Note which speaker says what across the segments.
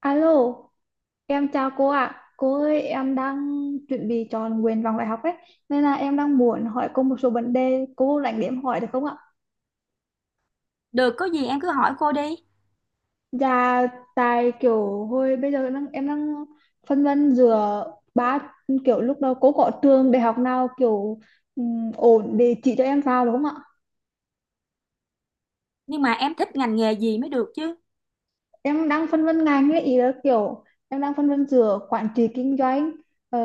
Speaker 1: Alo, em chào cô ạ. Cô ơi, em đang chuẩn bị chọn nguyện vọng đại học ấy, nên là em đang muốn hỏi cô một số vấn đề, cô rảnh để em hỏi được không ạ?
Speaker 2: Được, có gì em cứ hỏi cô đi.
Speaker 1: Dạ, tại kiểu hồi bây giờ đang, em đang phân vân giữa ba kiểu lúc đó cô có trường đại học nào kiểu ổn để chỉ cho em vào đúng không ạ?
Speaker 2: Nhưng mà em thích ngành nghề gì mới được chứ.
Speaker 1: Em đang phân vân ngành ấy, ý là kiểu em đang phân vân giữa quản trị kinh doanh, ờ,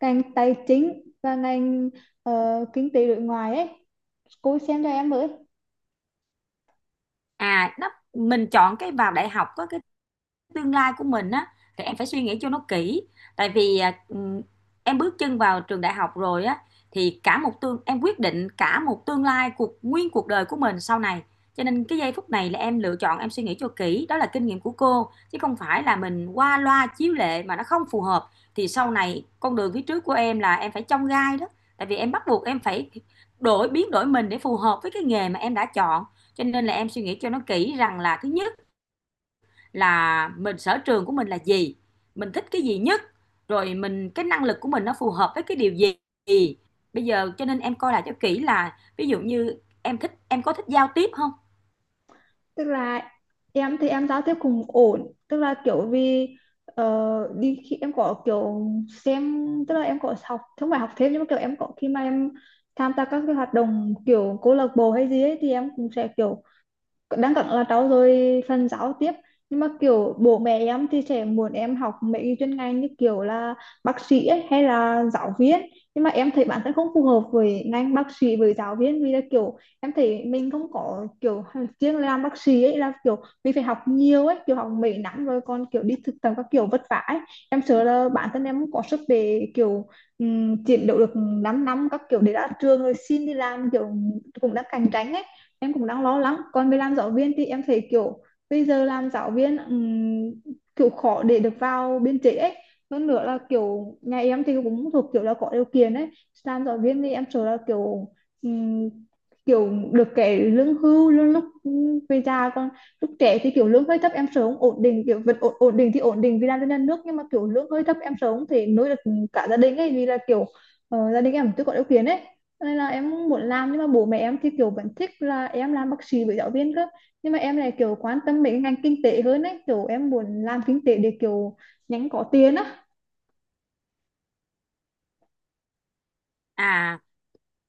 Speaker 1: ngành tài chính và ngành, kinh tế đối ngoại ấy, cô xem cho em với.
Speaker 2: À, đó, mình chọn cái vào đại học có cái tương lai của mình á thì em phải suy nghĩ cho nó kỹ. Tại vì em bước chân vào trường đại học rồi á thì cả một tương em quyết định cả một tương lai cuộc đời của mình sau này. Cho nên cái giây phút này là em lựa chọn, em suy nghĩ cho kỹ, đó là kinh nghiệm của cô, chứ không phải là mình qua loa chiếu lệ mà nó không phù hợp thì sau này con đường phía trước của em là em phải chông gai đó. Tại vì em bắt buộc em phải biến đổi mình để phù hợp với cái nghề mà em đã chọn. Cho nên là em suy nghĩ cho nó kỹ, rằng là thứ nhất là sở trường của mình là gì, mình thích cái gì nhất, rồi cái năng lực của mình nó phù hợp với cái điều gì. Bây giờ cho nên em coi lại cho kỹ là ví dụ như em thích em có thích giao tiếp không?
Speaker 1: Tức là em thì em giao tiếp cũng ổn, tức là kiểu vì, ờ, đi khi em có kiểu xem, tức là em có học không phải học thêm nhưng mà kiểu em có khi mà em tham gia các cái hoạt động kiểu câu lạc bộ hay gì ấy thì em cũng sẽ kiểu đang cận là trau dồi phần giáo tiếp. Nhưng mà kiểu bố mẹ em thì sẽ muốn em học mấy cái chuyên ngành như kiểu là bác sĩ ấy, hay là giáo viên, nhưng mà em thấy bản thân không phù hợp với ngành bác sĩ với giáo viên vì là kiểu em thấy mình không có kiểu riêng. Làm bác sĩ ấy là kiểu mình phải học nhiều ấy, kiểu học mấy năm rồi còn kiểu đi thực tập các kiểu vất vả ấy. Em sợ là bản thân em không có sức để kiểu, chiến đấu được 5 năm các kiểu để ra trường rồi xin đi làm, kiểu cũng đang cạnh tranh ấy, em cũng đang lo lắng. Còn về làm giáo viên thì em thấy kiểu bây giờ làm giáo viên kiểu khó để được vào biên chế ấy. Hơn nữa là kiểu nhà em thì cũng thuộc kiểu là có điều kiện ấy, làm giáo viên thì em sợ là kiểu ừm, kiểu được cái lương hưu, lương lúc về già, còn lúc trẻ thì kiểu lương hơi thấp em sợ không ổn định, kiểu vật ổn định thì ổn định vì làm cho nhà nước, nhưng mà kiểu lương hơi thấp em sợ không thể nuôi được cả gia đình ấy, vì là kiểu, gia đình em chưa có điều kiện ấy, cho nên là em muốn làm. Nhưng mà bố mẹ em thì kiểu vẫn thích là em làm bác sĩ với giáo viên cơ, nhưng mà em lại kiểu quan tâm mấy cái ngành kinh tế hơn ấy, kiểu em muốn làm kinh tế để kiểu nhanh có tiền á.
Speaker 2: À,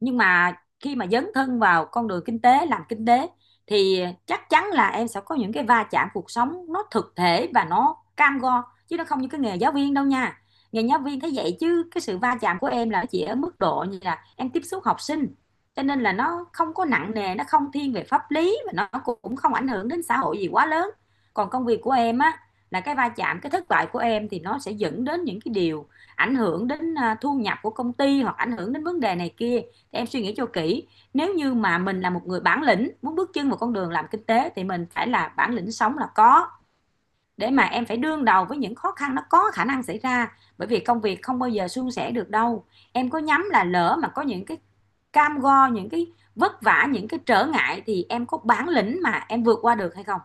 Speaker 2: nhưng mà khi mà dấn thân vào con đường kinh tế, làm kinh tế thì chắc chắn là em sẽ có những cái va chạm cuộc sống, nó thực thể và nó cam go chứ nó không như cái nghề giáo viên đâu nha. Nghề giáo viên thế vậy chứ cái sự va chạm của em là chỉ ở mức độ như là em tiếp xúc học sinh, cho nên là nó không có nặng nề, nó không thiên về pháp lý và nó cũng không ảnh hưởng đến xã hội gì quá lớn. Còn công việc của em á, là cái va chạm, cái thất bại của em thì nó sẽ dẫn đến những cái điều ảnh hưởng đến thu nhập của công ty hoặc ảnh hưởng đến vấn đề này kia. Em suy nghĩ cho kỹ, nếu như mà mình là một người bản lĩnh, muốn bước chân vào con đường làm kinh tế thì mình phải là bản lĩnh sống là có, để mà em phải đương đầu với những khó khăn nó có khả năng xảy ra, bởi vì công việc không bao giờ suôn sẻ được đâu. Em có nhắm là lỡ mà có những cái cam go, những cái vất vả, những cái trở ngại thì em có bản lĩnh mà em vượt qua được hay không?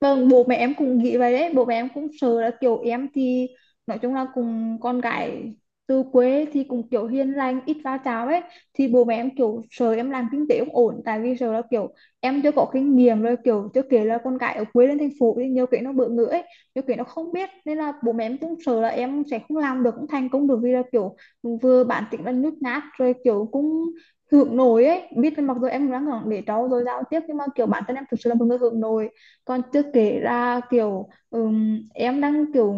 Speaker 1: Vâng, bố mẹ em cũng nghĩ vậy đấy, bố mẹ em cũng sợ là kiểu em thì nói chung là cùng con gái từ quê thì cũng kiểu hiền lành, ít va chạm ấy, thì bố mẹ em kiểu sợ em làm kinh tế không ổn, tại vì sợ là kiểu em chưa có kinh nghiệm rồi, kiểu chưa kể là con gái ở quê lên thành phố thì nhiều cái nó bỡ ngỡ ấy, nhiều cái nó không biết nên là bố mẹ em cũng sợ là em sẽ không làm được, không thành công được, vì là kiểu vừa bản tính là nhút nhát rồi kiểu cũng hướng nội ấy, biết là mặc dù em đang để cháu rồi giao tiếp nhưng mà kiểu bản thân em thực sự là một người hướng nội. Còn chưa kể ra kiểu em đang kiểu,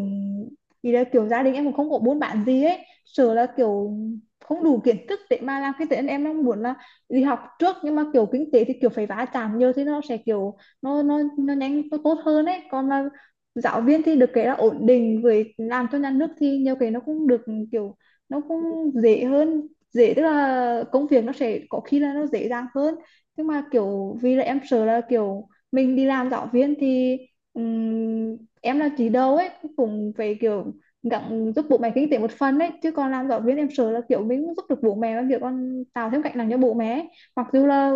Speaker 1: thì là kiểu gia đình em cũng không có buôn bán gì ấy, sợ là kiểu không đủ kiến thức để mà làm kinh tế nên em đang muốn là đi học trước, nhưng mà kiểu kinh tế thì kiểu phải va chạm nhiều thì nó sẽ kiểu nó nhanh nó tốt hơn ấy. Còn là giáo viên thì được cái là ổn định với làm cho nhà nước thì nhiều cái nó cũng được kiểu, nó cũng dễ hơn, dễ tức là công việc nó sẽ có khi là nó dễ dàng hơn. Nhưng mà kiểu vì là em sợ là kiểu mình đi làm giáo viên thì em là chỉ đầu ấy cũng phải kiểu gắng giúp bố mẹ kinh tế một phần ấy, chứ còn làm giáo viên em sợ là kiểu mình không giúp được bố mẹ và kiểu con tạo thêm gánh nặng cho bố mẹ ấy. Mặc dù là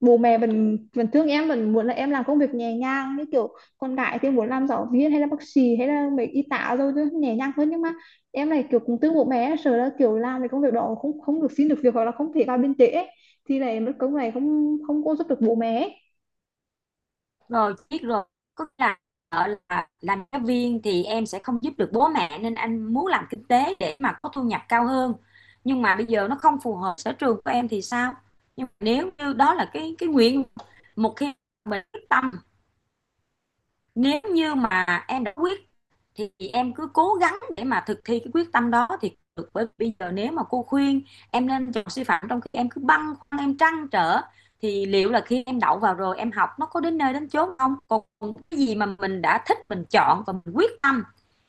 Speaker 1: bố mẹ vẫn vẫn thương em, vẫn muốn là em làm công việc nhẹ nhàng như kiểu con gái thì muốn làm giáo viên hay là bác sĩ hay là mấy y tá rồi, chứ nhẹ nhàng hơn, nhưng mà em này kiểu cũng thương bố mẹ, sợ là kiểu làm cái công việc đó không không được, xin được việc hoặc là không thể vào biên chế ấy, thì này mất công này không không có giúp được bố mẹ ấy.
Speaker 2: Rồi, biết rồi, có nghĩa là là làm giáo viên thì em sẽ không giúp được bố mẹ nên anh muốn làm kinh tế để mà có thu nhập cao hơn. Nhưng mà bây giờ nó không phù hợp sở trường của em thì sao? Nhưng mà nếu như đó là cái nguyện, một khi mình quyết tâm, nếu như mà em đã quyết thì em cứ cố gắng để mà thực thi cái quyết tâm đó thì được. Bởi vì bây giờ nếu mà cô khuyên em nên chọn sư phạm trong khi em cứ băn khoăn, em trăn trở thì liệu là khi em đậu vào rồi em học nó có đến nơi đến chốn không. Còn cái gì mà mình đã thích, mình chọn và mình quyết tâm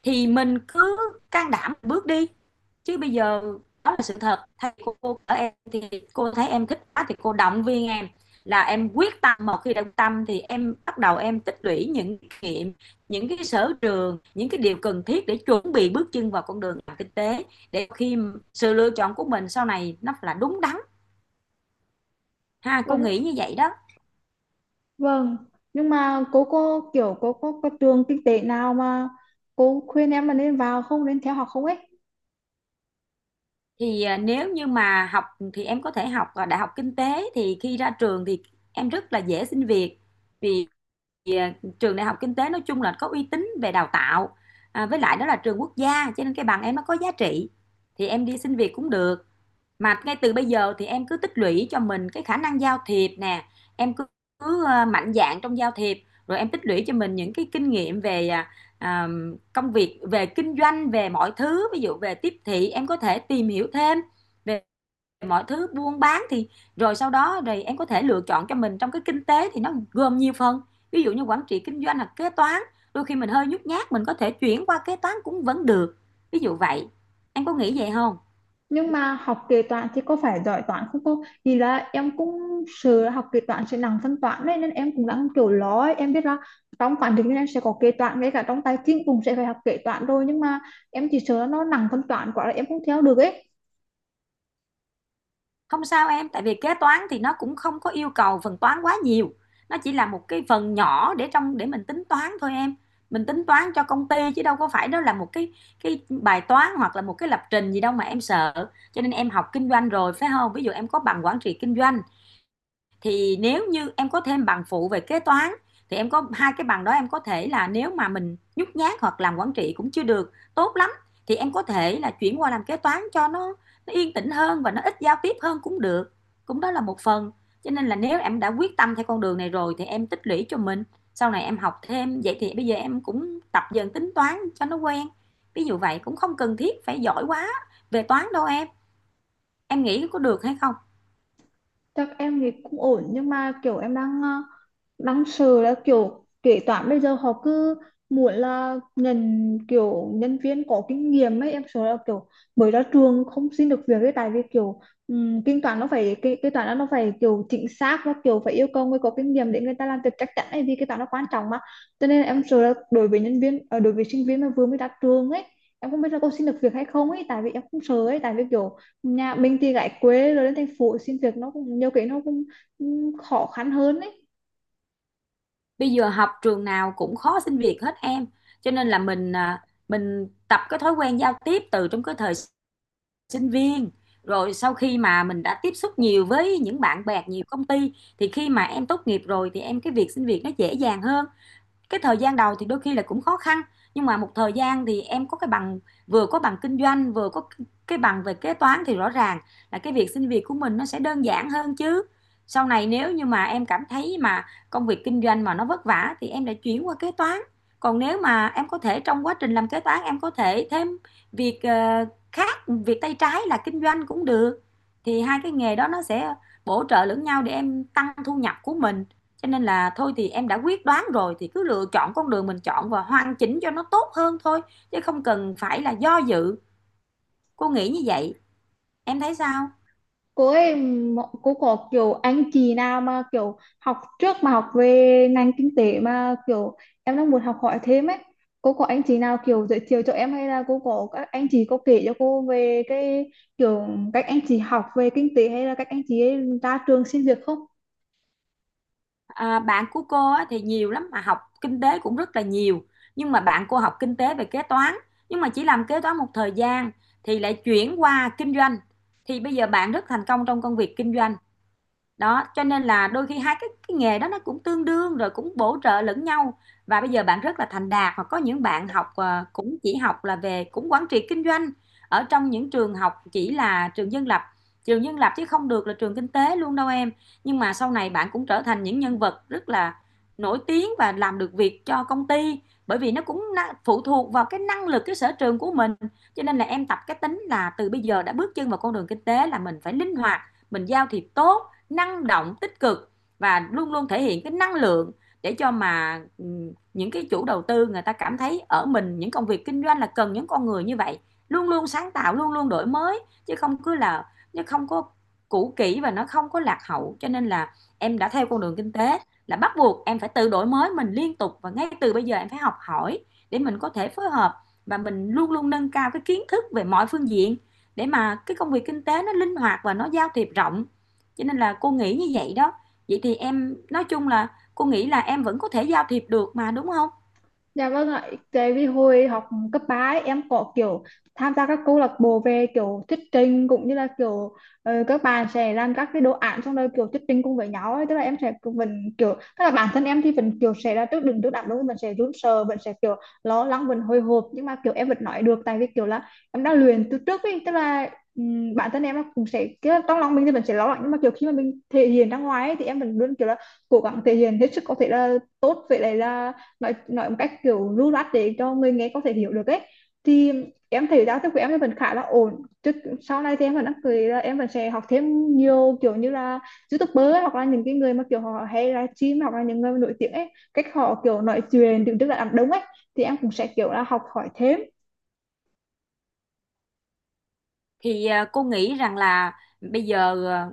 Speaker 2: thì mình cứ can đảm bước đi. Chứ bây giờ đó là sự thật, thầy cô ở em thì cô thấy em thích quá thì cô động viên em là em quyết tâm, một khi đã tâm thì em bắt đầu em tích lũy những kinh nghiệm, những cái sở trường, những cái điều cần thiết để chuẩn bị bước chân vào con đường làm kinh tế, để khi sự lựa chọn của mình sau này nó là đúng đắn. Ha, cô nghĩ
Speaker 1: Vâng,
Speaker 2: như vậy đó.
Speaker 1: vâng, nhưng mà cô có kiểu cô có trường kinh tế nào mà cô khuyên em là nên vào không, nên theo học không ấy?
Speaker 2: Thì nếu như mà học thì em có thể học đại học kinh tế, thì khi ra trường thì em rất là dễ xin việc. Vì à, trường đại học kinh tế nói chung là có uy tín về đào tạo, à, với lại đó là trường quốc gia, cho nên cái bằng em nó có giá trị thì em đi xin việc cũng được. Mà ngay từ bây giờ thì em cứ tích lũy cho mình cái khả năng giao thiệp nè, em cứ, cứ mạnh dạn trong giao thiệp, rồi em tích lũy cho mình những cái kinh nghiệm về à, công việc, về kinh doanh, về mọi thứ, ví dụ về tiếp thị, em có thể tìm hiểu thêm về mọi thứ buôn bán. Thì rồi sau đó rồi em có thể lựa chọn cho mình, trong cái kinh tế thì nó gồm nhiều phần, ví dụ như quản trị kinh doanh hoặc kế toán, đôi khi mình hơi nhút nhát mình có thể chuyển qua kế toán cũng vẫn được, ví dụ vậy. Em có nghĩ vậy không?
Speaker 1: Nhưng mà học kế toán thì có phải giỏi toán không cô? Thì là em cũng sợ học kế toán sẽ nặng phân toán đấy nên em cũng đang kiểu lo ấy. Em biết là trong quản lý nên em sẽ có kế toán, ngay cả trong tài chính cũng sẽ phải học kế toán rồi, nhưng mà em chỉ sợ nó nặng phân toán quá là em không theo được ấy.
Speaker 2: Không sao em, tại vì kế toán thì nó cũng không có yêu cầu phần toán quá nhiều. Nó chỉ là một cái phần nhỏ để để mình tính toán thôi em. Mình tính toán cho công ty chứ đâu có phải đó là một cái bài toán hoặc là một cái lập trình gì đâu mà em sợ. Cho nên em học kinh doanh rồi phải không? Ví dụ em có bằng quản trị kinh doanh, thì nếu như em có thêm bằng phụ về kế toán thì em có hai cái bằng đó, em có thể là nếu mà mình nhút nhát hoặc làm quản trị cũng chưa được tốt lắm thì em có thể là chuyển qua làm kế toán cho nó yên tĩnh hơn và nó ít giao tiếp hơn cũng được. Cũng đó là một phần. Cho nên là nếu em đã quyết tâm theo con đường này rồi thì em tích lũy cho mình. Sau này em học thêm vậy thì bây giờ em cũng tập dần tính toán cho nó quen. Ví dụ vậy, cũng không cần thiết phải giỏi quá về toán đâu em. Em nghĩ có được hay không?
Speaker 1: Chắc em thì cũng ổn nhưng mà kiểu em đang, đang sợ là kiểu kế toán bây giờ họ cứ muốn là nhận kiểu nhân viên có kinh nghiệm ấy, em sợ là kiểu mới ra trường không xin được việc ấy, tại vì kiểu kinh toán nó phải kế toán nó phải kiểu chính xác và kiểu phải yêu cầu người có kinh nghiệm để người ta làm việc chắc chắn ấy, vì kế toán nó quan trọng mà. Cho nên em sợ là đối với nhân viên, đối với sinh viên mà vừa mới ra trường ấy, em không biết là có xin được việc hay không ấy, tại vì em cũng sợ ấy, tại vì kiểu nhà mình thì gái quê rồi lên thành phố xin việc nó cũng nhiều cái nó cũng cũng khó khăn hơn ấy.
Speaker 2: Bây giờ học trường nào cũng khó xin việc hết em, cho nên là mình mình tập cái thói quen giao tiếp từ trong cái thời sinh viên, rồi sau khi mà mình đã tiếp xúc nhiều với những bạn bè, nhiều công ty thì khi mà em tốt nghiệp rồi thì cái việc xin việc nó dễ dàng hơn. Cái thời gian đầu thì đôi khi là cũng khó khăn, nhưng mà một thời gian thì em có cái bằng, vừa có bằng kinh doanh, vừa có cái bằng về kế toán thì rõ ràng là cái việc xin việc của mình nó sẽ đơn giản hơn chứ. Sau này nếu như mà em cảm thấy mà công việc kinh doanh mà nó vất vả thì em lại chuyển qua kế toán. Còn nếu mà em có thể trong quá trình làm kế toán, em có thể thêm việc, khác, việc tay trái là kinh doanh cũng được, thì hai cái nghề đó nó sẽ bổ trợ lẫn nhau để em tăng thu nhập của mình. Cho nên là thôi thì em đã quyết đoán rồi thì cứ lựa chọn con đường mình chọn và hoàn chỉnh cho nó tốt hơn thôi, chứ không cần phải là do dự. Cô nghĩ như vậy, em thấy sao?
Speaker 1: Cô ấy, cô có kiểu anh chị nào mà kiểu học trước mà học về ngành kinh tế mà kiểu em đang muốn học hỏi thêm ấy, cô có anh chị nào kiểu giới thiệu cho em, hay là cô có các anh chị có kể cho cô về cái kiểu cách anh chị học về kinh tế hay là cách anh chị ấy ra trường xin việc không?
Speaker 2: À, bạn của cô thì nhiều lắm mà học kinh tế cũng rất là nhiều, nhưng mà bạn cô học kinh tế về kế toán, nhưng mà chỉ làm kế toán một thời gian thì lại chuyển qua kinh doanh. Thì bây giờ bạn rất thành công trong công việc kinh doanh. Đó, cho nên là đôi khi hai cái nghề đó nó cũng tương đương rồi cũng bổ trợ lẫn nhau. Và bây giờ bạn rất là thành đạt, hoặc có những bạn học, cũng chỉ học là về cũng quản trị kinh doanh ở trong những trường học chỉ là trường dân lập chứ không được là trường kinh tế luôn đâu em. Nhưng mà sau này bạn cũng trở thành những nhân vật rất là nổi tiếng và làm được việc cho công ty, bởi vì nó cũng phụ thuộc vào cái năng lực, cái sở trường của mình. Cho nên là em tập cái tính là từ bây giờ đã bước chân vào con đường kinh tế là mình phải linh hoạt, mình giao thiệp tốt, năng động tích cực và luôn luôn thể hiện cái năng lượng để cho mà ừ, những cái chủ đầu tư người ta cảm thấy ở mình những công việc kinh doanh là cần những con người như vậy, luôn luôn sáng tạo, luôn luôn đổi mới, chứ không cứ là chứ không có cũ kỹ và nó không có lạc hậu. Cho nên là em đã theo con đường kinh tế là bắt buộc em phải tự đổi mới mình liên tục và ngay từ bây giờ em phải học hỏi để mình có thể phối hợp và mình luôn luôn nâng cao cái kiến thức về mọi phương diện, để mà cái công việc kinh tế nó linh hoạt và nó giao thiệp rộng, cho nên là cô nghĩ như vậy đó. Vậy thì em nói chung là cô nghĩ là em vẫn có thể giao thiệp được mà, đúng không?
Speaker 1: Dạ vâng ạ, tại vì hồi học cấp 3 ấy, em có kiểu tham gia các câu lạc bộ về kiểu thuyết trình, cũng như là kiểu, các bạn sẽ làm các cái đồ án xong rồi kiểu thuyết trình cùng với nhau ấy. Tức là em sẽ cứ vẫn kiểu, tức là bản thân em thì vẫn kiểu sẽ là trước đứng trước đám đông mình sẽ run sợ, mình sẽ kiểu lo lắng vẫn hồi hộp, nhưng mà kiểu em vẫn nói được tại vì kiểu là em đã luyện từ trước ấy, tức là bản thân em nó cũng sẽ kiểu trong lòng mình thì mình sẽ lo lắng, nhưng mà kiểu khi mà mình thể hiện ra ngoài ấy, thì em vẫn luôn kiểu là cố gắng thể hiện hết sức có thể là tốt vậy đấy, là nói một cách kiểu lưu loát để cho người nghe có thể hiểu được ấy. Thì em thấy giao tiếp của em vẫn khá là ổn chứ, sau này thì em vẫn đang cười là em vẫn sẽ học thêm nhiều, kiểu như là YouTuber ấy, hoặc là những cái người mà kiểu họ hay livestream, hoặc là những người nổi tiếng ấy, cách họ kiểu nói chuyện đứng trước là đám đông ấy, thì em cũng sẽ kiểu là học hỏi thêm.
Speaker 2: Thì cô nghĩ rằng là bây giờ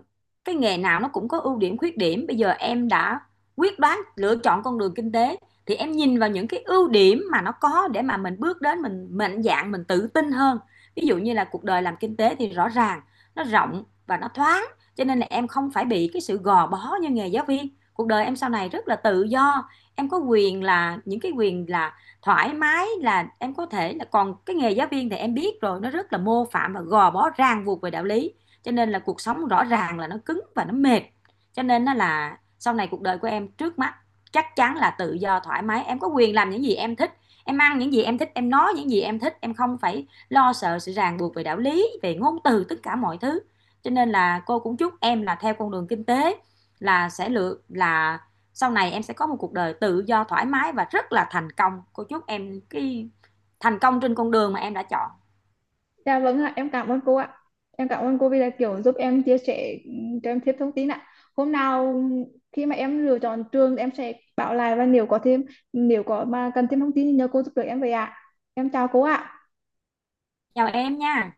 Speaker 2: cái nghề nào nó cũng có ưu điểm khuyết điểm, bây giờ em đã quyết đoán lựa chọn con đường kinh tế thì em nhìn vào những cái ưu điểm mà nó có để mà mình bước đến, mình mạnh dạn, mình tự tin hơn. Ví dụ như là cuộc đời làm kinh tế thì rõ ràng nó rộng và nó thoáng, cho nên là em không phải bị cái sự gò bó như nghề giáo viên. Cuộc đời em sau này rất là tự do, em có quyền là những cái quyền là thoải mái là em có thể là. Còn cái nghề giáo viên thì em biết rồi, nó rất là mô phạm và gò bó ràng buộc về đạo lý, cho nên là cuộc sống rõ ràng là nó cứng và nó mệt. Cho nên nó là sau này cuộc đời của em trước mắt chắc chắn là tự do thoải mái, em có quyền làm những gì em thích, em ăn những gì em thích, em nói những gì em thích, em không phải lo sợ sự ràng buộc về đạo lý, về ngôn từ, tất cả mọi thứ. Cho nên là cô cũng chúc em là theo con đường kinh tế là sẽ lựa là sau này em sẽ có một cuộc đời tự do thoải mái và rất là thành công. Cô chúc em thành công trên con đường mà em đã chọn.
Speaker 1: Dạ vâng ạ, em cảm ơn cô ạ. Em cảm ơn cô vì là kiểu giúp em chia sẻ, cho em thêm thông tin ạ. Hôm nào khi mà em lựa chọn trường em sẽ báo lại, và nếu có thêm, nếu có mà cần thêm thông tin thì nhờ cô giúp đỡ em vậy ạ. Em chào cô ạ.
Speaker 2: Chào em nha.